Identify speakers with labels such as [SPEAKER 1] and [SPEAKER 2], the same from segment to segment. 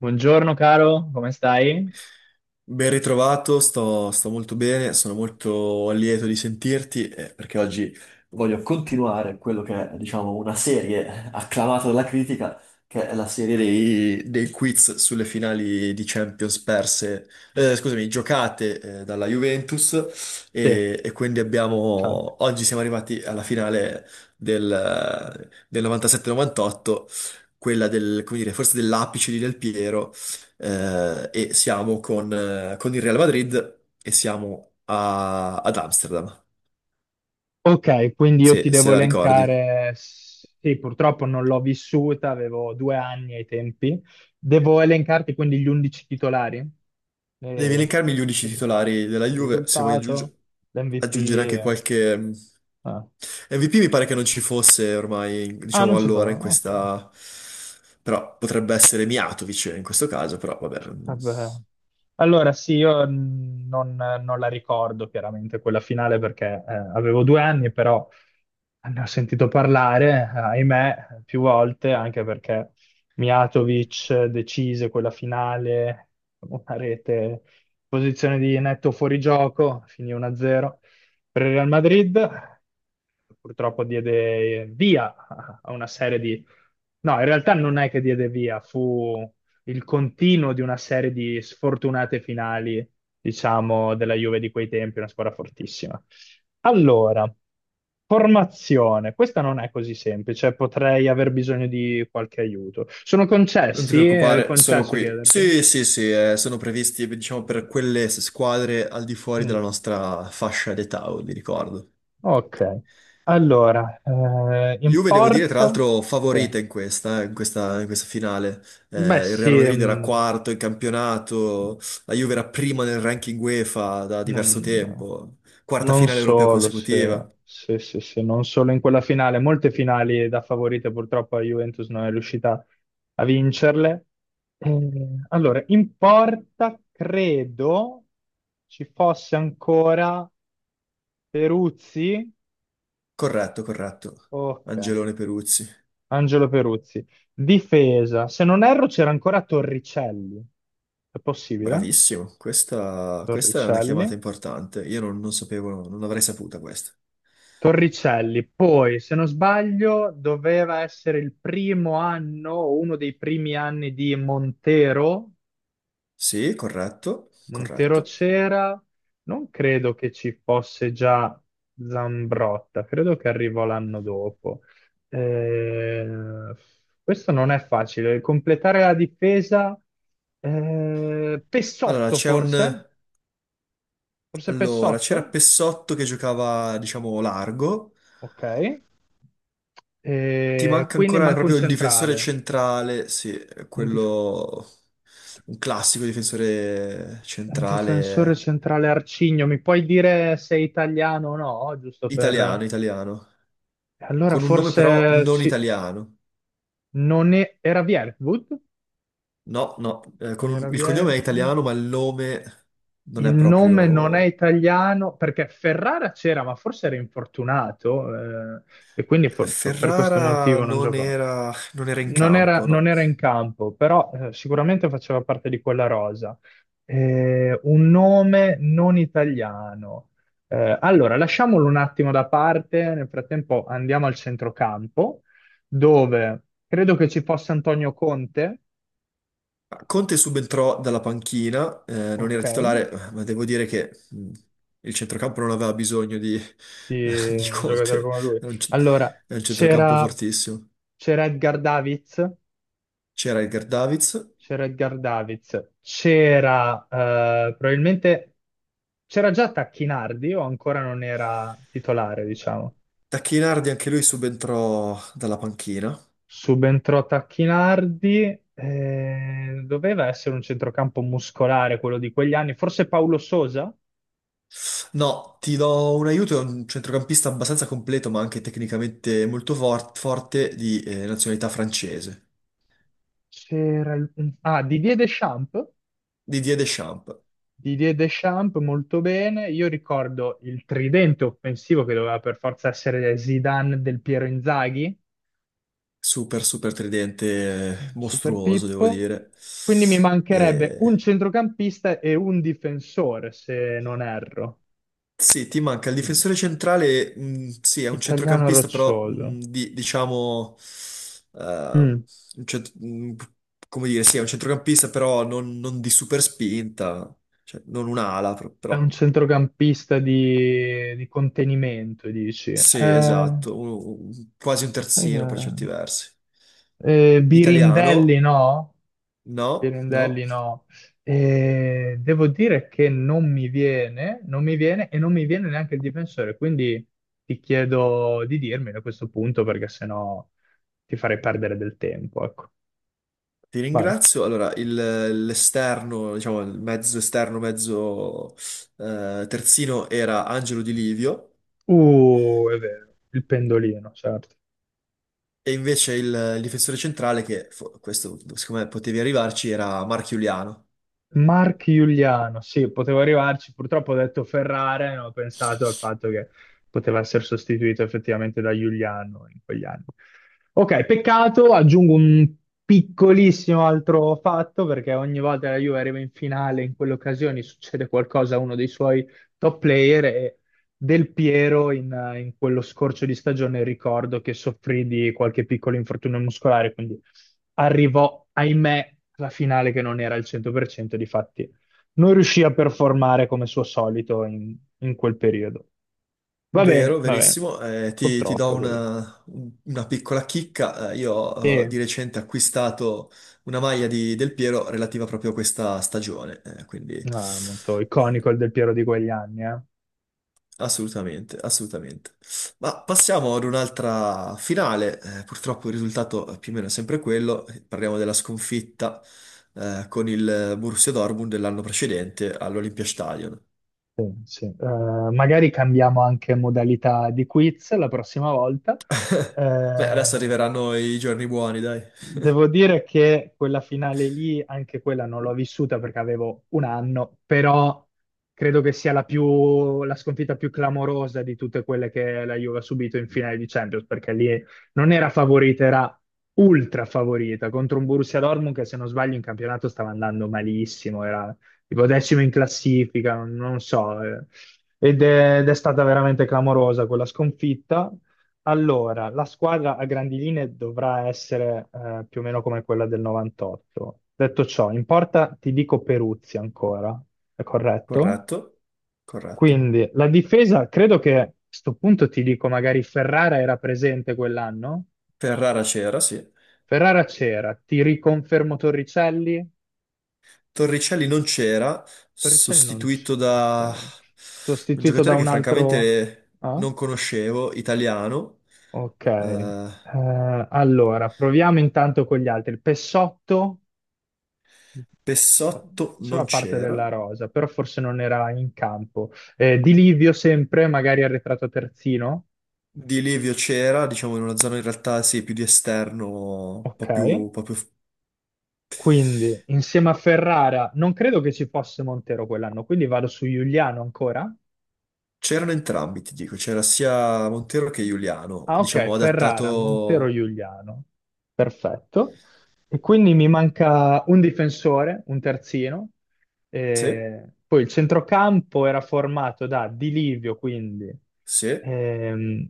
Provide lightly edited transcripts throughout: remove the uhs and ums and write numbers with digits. [SPEAKER 1] Buongiorno caro, come stai?
[SPEAKER 2] Ben ritrovato, sto molto bene, sono molto lieto di sentirti perché oggi voglio continuare quello che è, diciamo, una serie acclamata dalla critica, che è la serie dei quiz sulle finali di Champions perse, scusami, giocate dalla Juventus
[SPEAKER 1] Sì,
[SPEAKER 2] e quindi
[SPEAKER 1] ciao.
[SPEAKER 2] abbiamo, oggi siamo arrivati alla finale del 97-98, quella del, come dire, forse dell'apice di Del Piero e siamo con il Real Madrid e siamo ad Amsterdam,
[SPEAKER 1] Ok, quindi io ti
[SPEAKER 2] se
[SPEAKER 1] devo
[SPEAKER 2] la ricordi.
[SPEAKER 1] elencare, sì, purtroppo non l'ho vissuta, avevo due anni ai tempi. Devo elencarti quindi gli 11 titolari,
[SPEAKER 2] Devi
[SPEAKER 1] E-
[SPEAKER 2] elencarmi gli unici titolari della
[SPEAKER 1] il
[SPEAKER 2] Juve, se vuoi
[SPEAKER 1] risultato,
[SPEAKER 2] aggiungere
[SPEAKER 1] l'MVP.
[SPEAKER 2] anche qualche
[SPEAKER 1] Ah.
[SPEAKER 2] MVP. Mi pare che non ci fosse ormai,
[SPEAKER 1] Ah,
[SPEAKER 2] diciamo
[SPEAKER 1] non ci
[SPEAKER 2] allora,
[SPEAKER 1] fa,
[SPEAKER 2] in
[SPEAKER 1] ok.
[SPEAKER 2] questa... Però potrebbe essere Miatovic in questo caso, però vabbè. Mm.
[SPEAKER 1] Vabbè. Allora, sì, io non la ricordo chiaramente quella finale perché avevo due anni, però ne ho sentito parlare, ahimè, più volte, anche perché Mijatovic decise quella finale, una rete, posizione di netto fuorigioco, finì 1-0 per il Real Madrid, purtroppo diede via a una serie di... No, in realtà non è che diede via, fu il continuo di una serie di sfortunate finali, diciamo, della Juve di quei tempi, una squadra fortissima. Allora, formazione. Questa non è così semplice, potrei aver bisogno di qualche aiuto. Sono
[SPEAKER 2] Non ti
[SPEAKER 1] concessi? È
[SPEAKER 2] preoccupare, sono
[SPEAKER 1] concesso
[SPEAKER 2] qui.
[SPEAKER 1] chiedertelo?
[SPEAKER 2] Sì, sì, sì, sono previsti, diciamo, per quelle squadre al di fuori della
[SPEAKER 1] Mm,
[SPEAKER 2] nostra fascia d'età, vi ricordo.
[SPEAKER 1] ok. Allora, in
[SPEAKER 2] Juve, devo dire, tra
[SPEAKER 1] porta?
[SPEAKER 2] l'altro,
[SPEAKER 1] Sì.
[SPEAKER 2] favorita in questa finale.
[SPEAKER 1] Beh,
[SPEAKER 2] Il Real
[SPEAKER 1] sì,
[SPEAKER 2] Madrid era
[SPEAKER 1] mm,
[SPEAKER 2] quarto in campionato, la Juve era prima nel ranking UEFA da diverso
[SPEAKER 1] non,
[SPEAKER 2] tempo, quarta
[SPEAKER 1] non
[SPEAKER 2] finale europea
[SPEAKER 1] solo,
[SPEAKER 2] consecutiva.
[SPEAKER 1] se non solo in quella finale, molte finali da favorite purtroppo la Juventus non è riuscita a vincerle. Allora, in porta credo ci fosse ancora Peruzzi,
[SPEAKER 2] Corretto, corretto.
[SPEAKER 1] ok,
[SPEAKER 2] Angelone Peruzzi.
[SPEAKER 1] Angelo Peruzzi. Difesa, se non erro c'era ancora Torricelli, è possibile?
[SPEAKER 2] Bravissimo, questa è una
[SPEAKER 1] Torricelli.
[SPEAKER 2] chiamata importante. Io non, non sapevo, non avrei saputa questa.
[SPEAKER 1] Torricelli, poi se non sbaglio doveva essere il primo anno, o uno dei primi anni di Montero,
[SPEAKER 2] Sì, corretto,
[SPEAKER 1] Montero
[SPEAKER 2] corretto.
[SPEAKER 1] c'era, non credo che ci fosse già Zambrotta, credo che arrivò l'anno dopo. Eh, Questo non è facile, completare la difesa,
[SPEAKER 2] Allora,
[SPEAKER 1] Pessotto
[SPEAKER 2] c'è un...
[SPEAKER 1] forse, forse
[SPEAKER 2] Allora, c'era
[SPEAKER 1] Pessotto,
[SPEAKER 2] Pessotto che giocava, diciamo, largo.
[SPEAKER 1] ok,
[SPEAKER 2] Ti
[SPEAKER 1] eh,
[SPEAKER 2] manca
[SPEAKER 1] quindi
[SPEAKER 2] ancora
[SPEAKER 1] manca un
[SPEAKER 2] proprio il difensore
[SPEAKER 1] centrale.
[SPEAKER 2] centrale, sì,
[SPEAKER 1] Un dif-
[SPEAKER 2] quello... Un classico difensore
[SPEAKER 1] Un difensore
[SPEAKER 2] centrale
[SPEAKER 1] centrale arcigno, mi puoi dire se è italiano o no? Giusto
[SPEAKER 2] italiano,
[SPEAKER 1] per...
[SPEAKER 2] italiano.
[SPEAKER 1] Allora
[SPEAKER 2] Con un nome però
[SPEAKER 1] forse
[SPEAKER 2] non
[SPEAKER 1] ci-
[SPEAKER 2] italiano.
[SPEAKER 1] Non è... era Vierwood?
[SPEAKER 2] No, no, con
[SPEAKER 1] Non era
[SPEAKER 2] il cognome è
[SPEAKER 1] Vierwood?
[SPEAKER 2] italiano, ma il nome non
[SPEAKER 1] Il
[SPEAKER 2] è
[SPEAKER 1] nome non è
[SPEAKER 2] proprio...
[SPEAKER 1] italiano perché Ferrara c'era, ma forse era infortunato e quindi
[SPEAKER 2] Eh,
[SPEAKER 1] per questo
[SPEAKER 2] Ferrara
[SPEAKER 1] motivo non
[SPEAKER 2] non
[SPEAKER 1] giocò.
[SPEAKER 2] era, non era in campo,
[SPEAKER 1] Non
[SPEAKER 2] no.
[SPEAKER 1] era in campo, però sicuramente faceva parte di quella rosa. Un nome non italiano. Allora, lasciamolo un attimo da parte, nel frattempo andiamo al centrocampo, dove credo che ci fosse Antonio Conte.
[SPEAKER 2] Conte subentrò dalla panchina, non era
[SPEAKER 1] Ok.
[SPEAKER 2] titolare, ma devo dire che il centrocampo non aveva bisogno di,
[SPEAKER 1] Di
[SPEAKER 2] di
[SPEAKER 1] un giocatore
[SPEAKER 2] Conte,
[SPEAKER 1] come lui.
[SPEAKER 2] era
[SPEAKER 1] Allora,
[SPEAKER 2] era un centrocampo
[SPEAKER 1] c'era
[SPEAKER 2] fortissimo.
[SPEAKER 1] c'era Edgar Davids,
[SPEAKER 2] C'era Edgar Davids,
[SPEAKER 1] c'era Edgar Davids, c'era probabilmente c'era già Tacchinardi o ancora non era titolare, diciamo.
[SPEAKER 2] Tacchinardi anche lui subentrò dalla panchina.
[SPEAKER 1] Subentrò Tacchinardi, doveva essere un centrocampo muscolare quello di quegli anni, forse Paolo Sosa,
[SPEAKER 2] No, ti do un aiuto, è un centrocampista abbastanza completo, ma anche tecnicamente molto forte di nazionalità francese,
[SPEAKER 1] c'era il- ah, Didier Deschamps,
[SPEAKER 2] Didier Deschamps.
[SPEAKER 1] Didier Deschamps, molto bene. Io ricordo il tridente offensivo che doveva per forza essere Zidane, del Piero, Inzaghi,
[SPEAKER 2] Super, super tridente,
[SPEAKER 1] su- Super
[SPEAKER 2] mostruoso, devo
[SPEAKER 1] Pippo.
[SPEAKER 2] dire.
[SPEAKER 1] Quindi mi mancherebbe
[SPEAKER 2] E
[SPEAKER 1] un centrocampista e un difensore, se non erro.
[SPEAKER 2] Sì, ti manca il
[SPEAKER 1] Mm.
[SPEAKER 2] difensore centrale, sì, è un
[SPEAKER 1] Italiano
[SPEAKER 2] centrocampista, però
[SPEAKER 1] roccioso.
[SPEAKER 2] diciamo, eh,
[SPEAKER 1] Mm.
[SPEAKER 2] un cent- mh, come dire, sì, è un centrocampista, però non, non di super spinta, cioè non un'ala,
[SPEAKER 1] È un
[SPEAKER 2] però
[SPEAKER 1] centrocampista di contenimento, dici.
[SPEAKER 2] sì, esatto, quasi un terzino per certi
[SPEAKER 1] Eh,
[SPEAKER 2] versi.
[SPEAKER 1] Birindelli
[SPEAKER 2] Italiano,
[SPEAKER 1] no?
[SPEAKER 2] no, no,
[SPEAKER 1] Pirandelli no. E devo dire che non mi viene e non mi viene neanche il difensore, quindi ti chiedo di dirmelo a questo punto perché sennò ti farei perdere del tempo, ecco.
[SPEAKER 2] ti
[SPEAKER 1] Vai.
[SPEAKER 2] ringrazio. Allora, l'esterno, diciamo, il mezzo esterno, mezzo terzino era Angelo Di Livio.
[SPEAKER 1] È vero, il pendolino, certo.
[SPEAKER 2] E invece il difensore centrale, che questo secondo me potevi arrivarci, era Marchiuliano.
[SPEAKER 1] Mark Giuliano, sì, potevo arrivarci, purtroppo ho detto Ferrara e non ho pensato al fatto che poteva essere sostituito effettivamente da Giuliano in quegli anni. Ok, peccato, aggiungo un piccolissimo altro fatto, perché ogni volta che la Juve arriva in finale, in quelle occasioni succede qualcosa a uno dei suoi top player e del Piero in quello scorcio di stagione ricordo che soffrì di qualche piccolo infortunio muscolare, quindi arrivò, ahimè, alla finale che non era al 100%, difatti non riuscì a performare come suo solito in quel periodo.
[SPEAKER 2] Vero,
[SPEAKER 1] Va bene,
[SPEAKER 2] verissimo. Ti do
[SPEAKER 1] purtroppo è così.
[SPEAKER 2] una piccola chicca. Io ho
[SPEAKER 1] E,
[SPEAKER 2] di recente acquistato una maglia di Del Piero relativa proprio a questa stagione, quindi
[SPEAKER 1] ah, molto iconico il Del Piero di quegli anni, eh.
[SPEAKER 2] assolutamente, assolutamente. Ma passiamo ad un'altra finale. Eh, purtroppo il risultato è più o meno sempre quello. Parliamo della sconfitta con il Borussia Dortmund dell'anno precedente all'Olympiastadion.
[SPEAKER 1] Sì, sì. Magari cambiamo anche modalità di quiz la prossima volta.
[SPEAKER 2] Beh, adesso
[SPEAKER 1] Eh,
[SPEAKER 2] arriveranno i giorni buoni, dai.
[SPEAKER 1] Devo dire che quella finale lì, anche quella non l'ho vissuta perché avevo un anno, però credo che sia la sconfitta più clamorosa di tutte quelle che la Juve ha subito in finale di Champions, perché lì non era favorita, era ultra favorita contro un Borussia Dortmund che se non sbaglio in campionato stava andando malissimo, era tipo decimo in classifica, non, non so, eh. Ed è stata veramente clamorosa quella sconfitta. Allora, la squadra a grandi linee dovrà essere più o meno come quella del 98. Detto ciò, in porta ti dico Peruzzi ancora, è corretto?
[SPEAKER 2] Corretto, corretto.
[SPEAKER 1] Quindi la difesa, credo che a sto punto ti dico, magari Ferrara era presente quell'anno?
[SPEAKER 2] Ferrara c'era, sì.
[SPEAKER 1] Ferrara c'era, ti riconfermo Torricelli?
[SPEAKER 2] Torricelli non c'era,
[SPEAKER 1] Torricelli non
[SPEAKER 2] sostituito
[SPEAKER 1] c'era,
[SPEAKER 2] da
[SPEAKER 1] ok.
[SPEAKER 2] un
[SPEAKER 1] Sostituito da
[SPEAKER 2] giocatore
[SPEAKER 1] un
[SPEAKER 2] che
[SPEAKER 1] altro...
[SPEAKER 2] francamente
[SPEAKER 1] Ah?
[SPEAKER 2] non conoscevo, italiano.
[SPEAKER 1] Ok.
[SPEAKER 2] Eh,
[SPEAKER 1] Allora, proviamo intanto con gli altri. Pessotto?
[SPEAKER 2] Pessotto non
[SPEAKER 1] Faceva parte
[SPEAKER 2] c'era,
[SPEAKER 1] della rosa, però forse non era in campo. Di Livio sempre, magari arretrato terzino,
[SPEAKER 2] di Livio c'era, diciamo in una zona in realtà sì, più di esterno, un
[SPEAKER 1] ok.
[SPEAKER 2] po' più...
[SPEAKER 1] Quindi insieme a Ferrara, non credo che ci fosse Montero quell'anno, quindi vado su Giuliano ancora.
[SPEAKER 2] C'erano entrambi, ti dico, c'era sia Montero che Giuliano,
[SPEAKER 1] Ah, ok,
[SPEAKER 2] diciamo
[SPEAKER 1] Ferrara, Montero,
[SPEAKER 2] adattato...
[SPEAKER 1] Giuliano. Perfetto. E quindi mi manca un difensore, un terzino.
[SPEAKER 2] Sì,
[SPEAKER 1] Poi il centrocampo era formato da Di Livio, quindi
[SPEAKER 2] sì,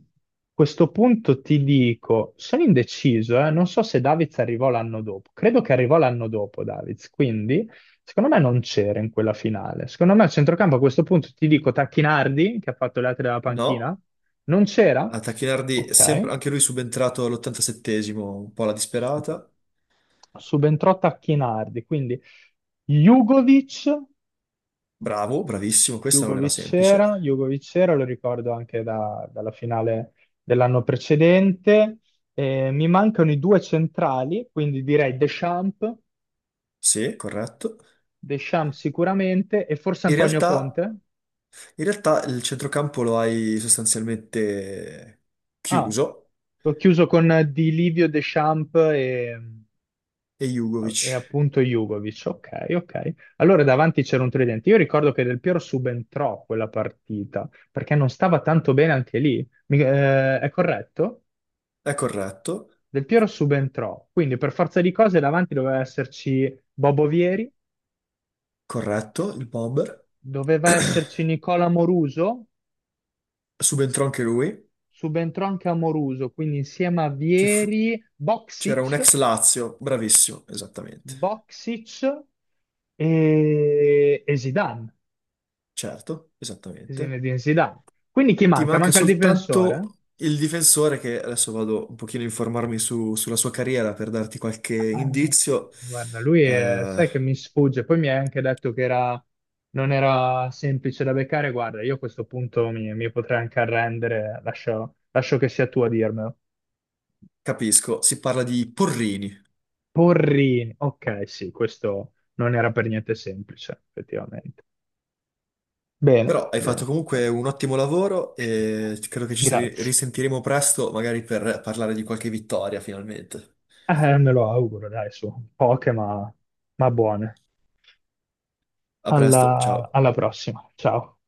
[SPEAKER 1] a questo punto ti dico, sono indeciso, non so se Davids arrivò l'anno dopo. Credo che arrivò l'anno dopo Davids, quindi secondo me non c'era in quella finale. Secondo me il centrocampo a questo punto ti dico Tacchinardi, che ha fatto le altre della
[SPEAKER 2] no,
[SPEAKER 1] panchina, non c'era?
[SPEAKER 2] a Tacchinardi,
[SPEAKER 1] Ok.
[SPEAKER 2] sempre, anche lui subentrato all'87esimo, un po' alla
[SPEAKER 1] Su-
[SPEAKER 2] disperata,
[SPEAKER 1] Subentrò Tacchinardi, quindi Jugovic,
[SPEAKER 2] bravo, bravissimo, questa non era semplice,
[SPEAKER 1] Jugovic c'era, lo ricordo anche dalla finale dell'anno precedente. Mi mancano i due centrali, quindi direi Deschamps,
[SPEAKER 2] sì, corretto.
[SPEAKER 1] Deschamps sicuramente, e forse
[SPEAKER 2] In
[SPEAKER 1] Antonio
[SPEAKER 2] realtà,
[SPEAKER 1] Conte.
[SPEAKER 2] in realtà il centrocampo lo hai sostanzialmente
[SPEAKER 1] Ah,
[SPEAKER 2] chiuso
[SPEAKER 1] ho chiuso con Di Livio, Deschamps e
[SPEAKER 2] e
[SPEAKER 1] E
[SPEAKER 2] Jugovic.
[SPEAKER 1] appunto Jugovic, ok, ok. Allora davanti c'era un tridente. Io ricordo che Del Piero subentrò quella partita perché non stava tanto bene anche lì. Eh, è corretto?
[SPEAKER 2] È corretto,
[SPEAKER 1] Del Piero subentrò, quindi per forza di cose davanti doveva esserci Bobo Vieri,
[SPEAKER 2] corretto, il bomber.
[SPEAKER 1] doveva esserci Nicola Moruso,
[SPEAKER 2] Subentrò anche lui.
[SPEAKER 1] subentrò anche a Moruso, quindi insieme a
[SPEAKER 2] Ci fu-
[SPEAKER 1] Vieri,
[SPEAKER 2] C'era un
[SPEAKER 1] Boxic,
[SPEAKER 2] ex Lazio, bravissimo, esattamente.
[SPEAKER 1] Boxic e Zidane,
[SPEAKER 2] Certo, esattamente.
[SPEAKER 1] Zinedine Zidane. Quindi chi
[SPEAKER 2] Ti
[SPEAKER 1] manca?
[SPEAKER 2] manca
[SPEAKER 1] Manca il difensore?
[SPEAKER 2] soltanto il difensore che adesso vado un pochino a informarmi sulla sua carriera per darti qualche
[SPEAKER 1] Eh,
[SPEAKER 2] indizio.
[SPEAKER 1] Guarda,
[SPEAKER 2] Eh,
[SPEAKER 1] sai che mi sfugge, poi mi hai anche detto che non era semplice da beccare. Guarda, io a questo punto mi potrei anche arrendere, lascio che sia tu a dirmelo.
[SPEAKER 2] capisco, si parla di Porrini.
[SPEAKER 1] Porrini, ok, sì, questo non era per niente semplice, effettivamente. Bene,
[SPEAKER 2] Però hai
[SPEAKER 1] bene,
[SPEAKER 2] fatto
[SPEAKER 1] bene.
[SPEAKER 2] comunque un ottimo lavoro e credo che ci si
[SPEAKER 1] Grazie.
[SPEAKER 2] risentiremo presto, magari per parlare di qualche vittoria finalmente.
[SPEAKER 1] Me lo auguro, dai, su, poche ma buone.
[SPEAKER 2] A presto, ciao.
[SPEAKER 1] Alla prossima, ciao.